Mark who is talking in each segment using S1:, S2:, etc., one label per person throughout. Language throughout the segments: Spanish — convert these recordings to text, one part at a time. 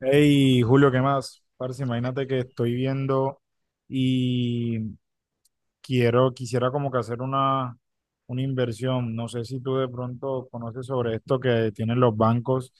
S1: Hey, Julio, ¿qué más? Parce, imagínate que estoy viendo y quisiera como que hacer una inversión. No sé si tú de pronto conoces sobre esto que tienen los bancos,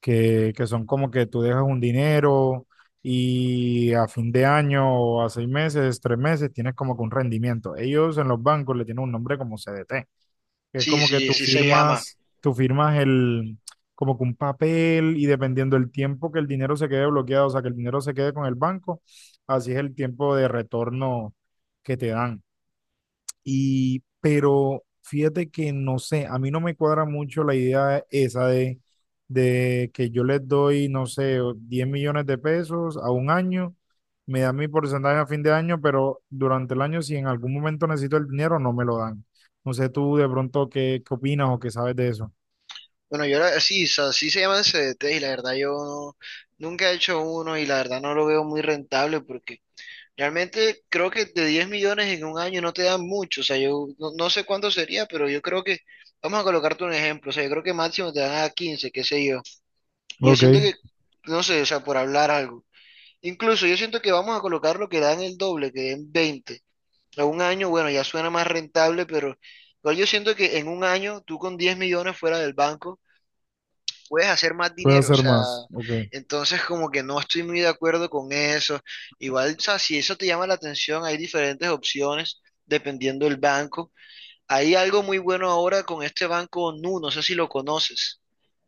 S1: que son como que tú dejas un dinero y a fin de año o a 6 meses, 3 meses, tienes como que un rendimiento. Ellos en los bancos le tienen un nombre como CDT que es
S2: Sí,
S1: como que
S2: sí,
S1: tú
S2: sí se llama.
S1: firmas, tú firmas el, como que un papel y dependiendo del tiempo que el dinero se quede bloqueado, o sea, que el dinero se quede con el banco, así es el tiempo de retorno que te dan. Y, pero fíjate que no sé, a mí no me cuadra mucho la idea esa de que yo les doy, no sé, o 10 millones de pesos a un año, me dan mi porcentaje a fin de año, pero durante el año, si en algún momento necesito el dinero, no me lo dan. No sé tú de pronto qué opinas o qué sabes de eso.
S2: Bueno, yo la- sí, so- sí se llaman CDT y la verdad yo no- nunca he hecho uno y la verdad no lo veo muy rentable porque realmente creo que de 10 millones en un año no te dan mucho. O sea, yo no, no sé cuánto sería, pero yo creo que, vamos a colocarte un ejemplo, o sea, yo creo que máximo te dan a 15, qué sé yo. Y yo
S1: Ok,
S2: siento que, no sé, o sea, por hablar algo. Incluso yo siento que vamos a colocar lo que dan el doble, que den 20. A un año, bueno, ya suena más rentable, pero igual yo siento que en un año tú con 10 millones fuera del banco puedes hacer más
S1: puedo
S2: dinero, o
S1: hacer
S2: sea,
S1: más. Ok.
S2: entonces como que no estoy muy de acuerdo con eso. Igual, o sea, si eso te llama la atención, hay diferentes opciones dependiendo del banco. Hay algo muy bueno ahora con este banco Nu, no sé si lo conoces.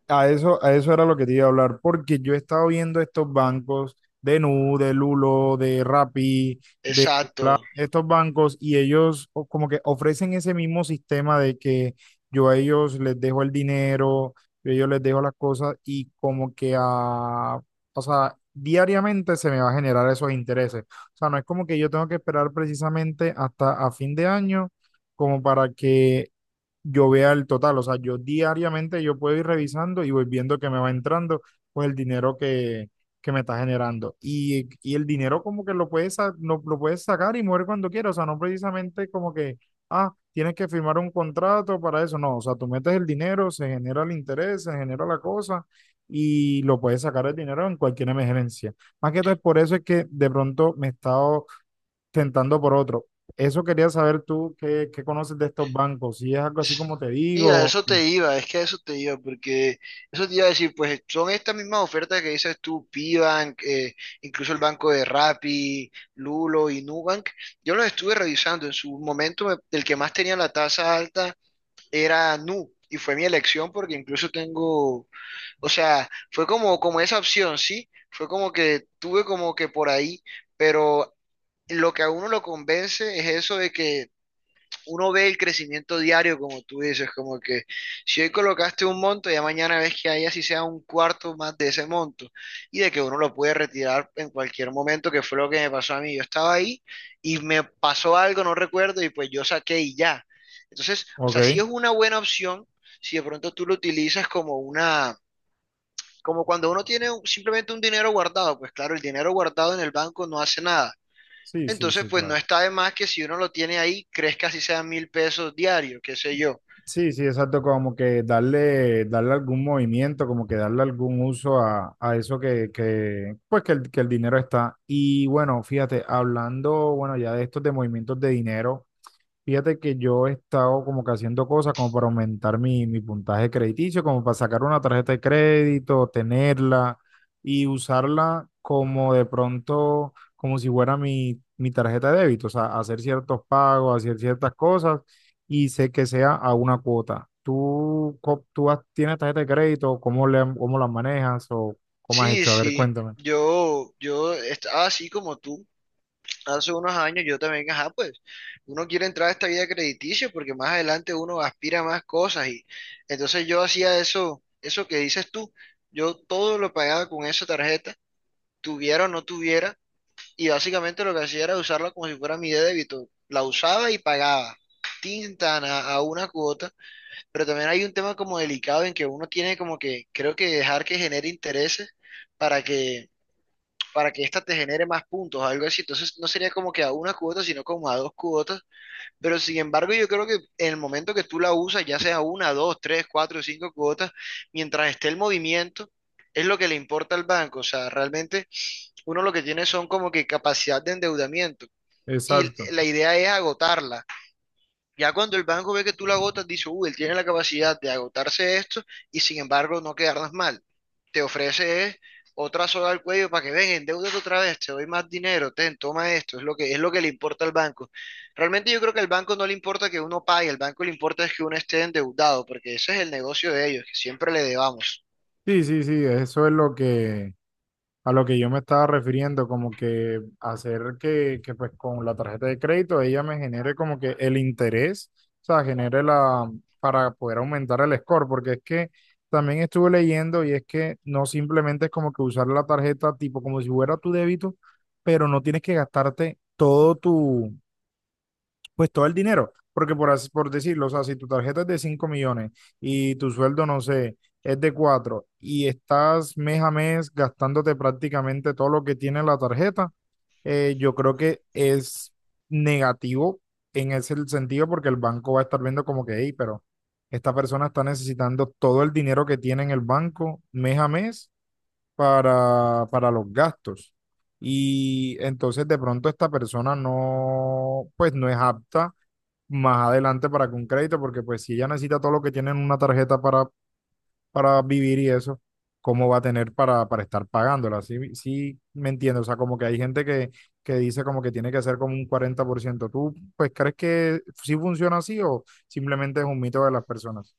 S1: A eso era lo que te iba a hablar, porque yo he estado viendo estos bancos de Nu, de Lulo, de Rappi, de
S2: Exacto.
S1: estos bancos y ellos como que ofrecen ese mismo sistema de que yo a ellos les dejo el dinero, yo a ellos les dejo las cosas y como que a, o sea, diariamente se me va a generar esos intereses. O sea, no es como que yo tengo que esperar precisamente hasta a fin de año como para que yo vea el total. O sea, yo diariamente yo puedo ir revisando y voy viendo que me va entrando, pues el dinero que me está generando. Y el dinero como que lo puedes sacar y mover cuando quieras. O sea, no precisamente como que, ah, tienes que firmar un contrato para eso. No, o sea, tú metes el dinero, se genera el interés, se genera la cosa. Y lo puedes sacar el dinero en cualquier emergencia. Más que todo es por eso es que de pronto me he estado tentando por otro. Eso quería saber tú, ¿qué conoces de estos bancos? Si es algo así como te
S2: Sí, a
S1: digo.
S2: eso
S1: ¿Qué?
S2: te iba, es que a eso te iba, porque eso te iba a decir, pues son estas mismas ofertas que dices tú, Pibank, incluso el banco de Rappi, Lulo y Nubank. Yo los estuve revisando, en su momento el que más tenía la tasa alta era Nu, y fue mi elección porque incluso tengo, o sea, fue como, como esa opción, ¿sí? Fue como que tuve como que por ahí, pero lo que a uno lo convence es eso de que uno ve el crecimiento diario, como tú dices, como que si hoy colocaste un monto, ya mañana ves que hay así sea un cuarto más de ese monto y de que uno lo puede retirar en cualquier momento, que fue lo que me pasó a mí. Yo estaba ahí y me pasó algo, no recuerdo, y pues yo saqué y ya. Entonces, o sea, sí es
S1: Ok,
S2: una buena opción si de pronto tú lo utilizas como una, como cuando uno tiene simplemente un dinero guardado, pues claro, el dinero guardado en el banco no hace nada
S1: sí, sí,
S2: entonces,
S1: sí,
S2: pues no
S1: claro.
S2: está de más que si uno lo tiene ahí, crezca si sea 1.000 pesos diarios, qué sé yo.
S1: Sí, sí, exacto, como que darle algún movimiento, como que darle algún uso a eso que, pues que el dinero está. Y bueno, fíjate, hablando, bueno, ya de estos de movimientos de dinero. Fíjate que yo he estado como que haciendo cosas como para aumentar mi puntaje crediticio, como para sacar una tarjeta de crédito, tenerla y usarla como de pronto, como si fuera mi tarjeta de débito, o sea, hacer ciertos pagos, hacer ciertas cosas y sé que sea a una cuota. ¿Tú tienes tarjeta de crédito? ¿Cómo la manejas o cómo has
S2: Sí,
S1: hecho? A ver,
S2: sí,
S1: cuéntame.
S2: yo estaba así como tú. Hace unos años yo también, ajá, pues uno quiere entrar a esta vida crediticia porque más adelante uno aspira a más cosas y entonces yo hacía eso, eso que dices tú, yo todo lo pagaba con esa tarjeta, tuviera o no tuviera, y básicamente lo que hacía era usarla como si fuera mi débito, la usaba y pagaba, tintana a una cuota. Pero también hay un tema como delicado en que uno tiene como que, creo que dejar que genere intereses para que, para que ésta te genere más puntos, algo así. Entonces no sería como que a una cuota, sino como a dos cuotas. Pero sin embargo, yo creo que en el momento que tú la usas, ya sea una, dos, tres, cuatro, cinco cuotas, mientras esté el movimiento, es lo que le importa al banco. O sea, realmente uno lo que tiene son como que capacidad de endeudamiento. Y
S1: Exacto.
S2: la idea es agotarla. Ya cuando el banco ve que tú la agotas, dice, uy, él tiene la capacidad de agotarse esto y sin embargo no quedarnos mal. Te ofrece otra soga al cuello para que ven, endeúdate otra vez, te doy más dinero, ten, toma esto, es lo que le importa al banco. Realmente yo creo que al banco no le importa que uno pague, al banco le importa es que uno esté endeudado, porque ese es el negocio de ellos, que siempre le debamos.
S1: Sí, sí, sí, eso es lo que... A lo que yo me estaba refiriendo, como que hacer que pues con la tarjeta de crédito ella me genere como que el interés, o sea, genere la, para poder aumentar el score, porque es que también estuve leyendo y es que no simplemente es como que usar la tarjeta tipo como si fuera tu débito, pero no tienes que gastarte todo tu, pues todo el dinero, porque por decirlo, o sea, si tu tarjeta es de 5 millones y tu sueldo, no sé, es de 4 y estás mes a mes gastándote prácticamente todo lo que tiene la tarjeta, yo creo que es negativo en ese sentido porque el banco va a estar viendo como que, hey, pero esta persona está necesitando todo el dinero que tiene en el banco mes a mes para los gastos. Y entonces de pronto esta persona no, pues no es apta más adelante para que un crédito, porque pues si ella necesita todo lo que tiene en una tarjeta para vivir y eso, ¿cómo va a tener para estar pagándola? Sí, sí, me entiendo, o sea, como que hay gente que dice como que tiene que ser como un 40%. ¿Tú pues crees que sí funciona así o simplemente es un mito de las personas?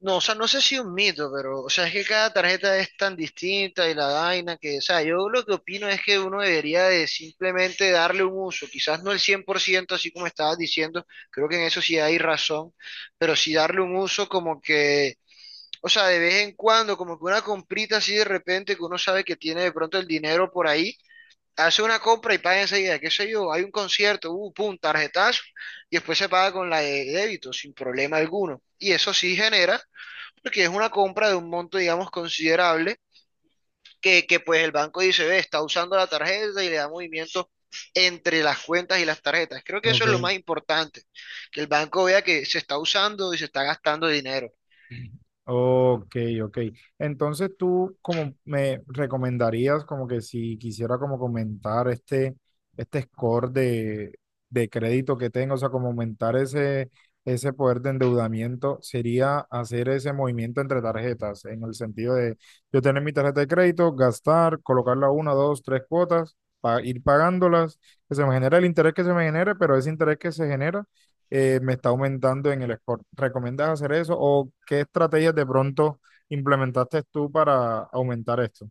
S2: No, o sea, no sé si un mito, pero, o sea, es que cada tarjeta es tan distinta y la vaina que, o sea, yo lo que opino es que uno debería de simplemente darle un uso, quizás no el 100% así como estabas diciendo, creo que en eso sí hay razón, pero sí darle un uso como que, o sea, de vez en cuando, como que una comprita así de repente que uno sabe que tiene de pronto el dinero por ahí, hace una compra y paga enseguida, qué sé yo, hay un concierto, pum, tarjetazo, y después se paga con la de débito sin problema alguno. Y eso sí genera porque es una compra de un monto, digamos, considerable, que pues el banco dice, ve, está usando la tarjeta y le da movimiento entre las cuentas y las tarjetas. Creo que eso es lo
S1: Ok.
S2: más importante, que el banco vea que se está usando y se está gastando dinero.
S1: Ok, ok. Entonces tú como me recomendarías como que si quisiera como comentar este score de crédito que tengo, o sea, como aumentar ese poder de endeudamiento, sería hacer ese movimiento entre tarjetas, en el sentido de yo tener mi tarjeta de crédito, gastar, colocarla una, dos, tres cuotas, ir pagándolas, que se me genere el interés que se me genere, pero ese interés que se genera me está aumentando en el score. ¿Recomiendas hacer eso o qué estrategias de pronto implementaste tú para aumentar esto?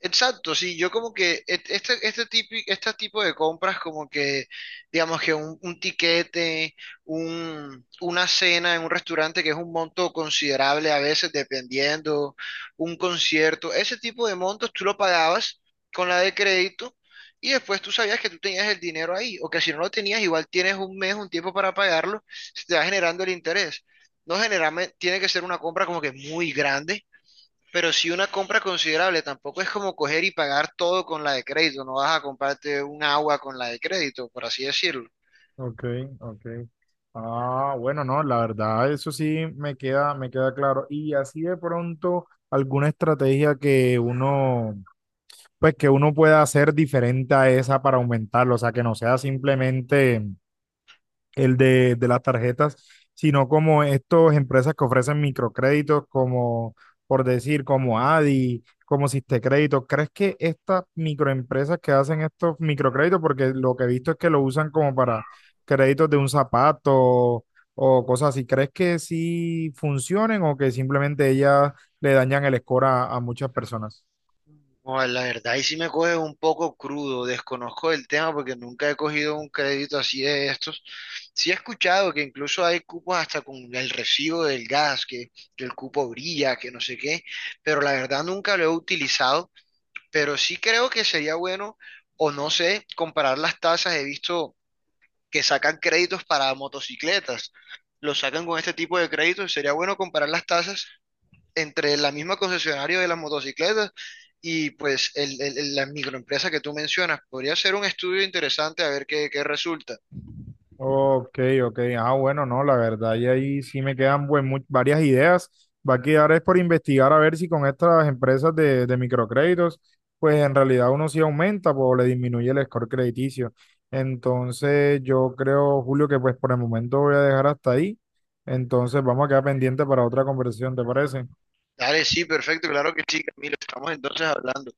S2: Exacto, sí, yo como que este tipo de compras como que, digamos que un tiquete, una cena en un restaurante que es un monto considerable a veces dependiendo, un concierto, ese tipo de montos tú lo pagabas con la de crédito y después tú sabías que tú tenías el dinero ahí o que si no lo tenías igual tienes un mes, un tiempo para pagarlo, se te va generando el interés. No generalmente tiene que ser una compra como que muy grande pero si una compra considerable, tampoco es como coger y pagar todo con la de crédito, no vas a comprarte un agua con la de crédito, por así decirlo.
S1: Ok, ok. Ah, bueno, no, la verdad, eso sí me queda claro. Y así de pronto, alguna estrategia que uno, pues que uno pueda hacer diferente a esa para aumentarlo, o sea, que no sea simplemente el de las tarjetas, sino como estas empresas que ofrecen microcréditos, como por decir, como Adi, como Crédito. ¿Crees que estas microempresas que hacen estos microcréditos, porque lo que he visto es que lo usan como para créditos de un zapato o cosas así, ¿crees que sí funcionen o que simplemente ellas le dañan el score a muchas personas?
S2: No, la verdad, y sí me coge un poco crudo, desconozco el tema porque nunca he cogido un crédito así de estos. Sí he escuchado que incluso hay cupos hasta con el recibo del gas, que el cupo brilla, que no sé qué, pero la verdad nunca lo he utilizado, pero sí creo que sería bueno, o no sé, comparar las tasas, he visto que sacan créditos para motocicletas. Los sacan con este tipo de créditos. Sería bueno comparar las tasas entre la misma concesionaria de las motocicletas y pues la microempresa que tú mencionas. Podría ser un estudio interesante a ver qué resulta.
S1: Ok, ok. Ah, bueno, no, la verdad, y ahí sí me quedan varias ideas. Va a quedar es por investigar a ver si con estas empresas de microcréditos, pues en realidad uno sí aumenta pues, o le disminuye el score crediticio. Entonces, yo creo, Julio, que pues por el momento voy a dejar hasta ahí. Entonces, vamos a quedar pendiente para otra conversación, ¿te parece?
S2: Dale, sí, perfecto, claro que sí, Camilo. Estamos entonces hablando.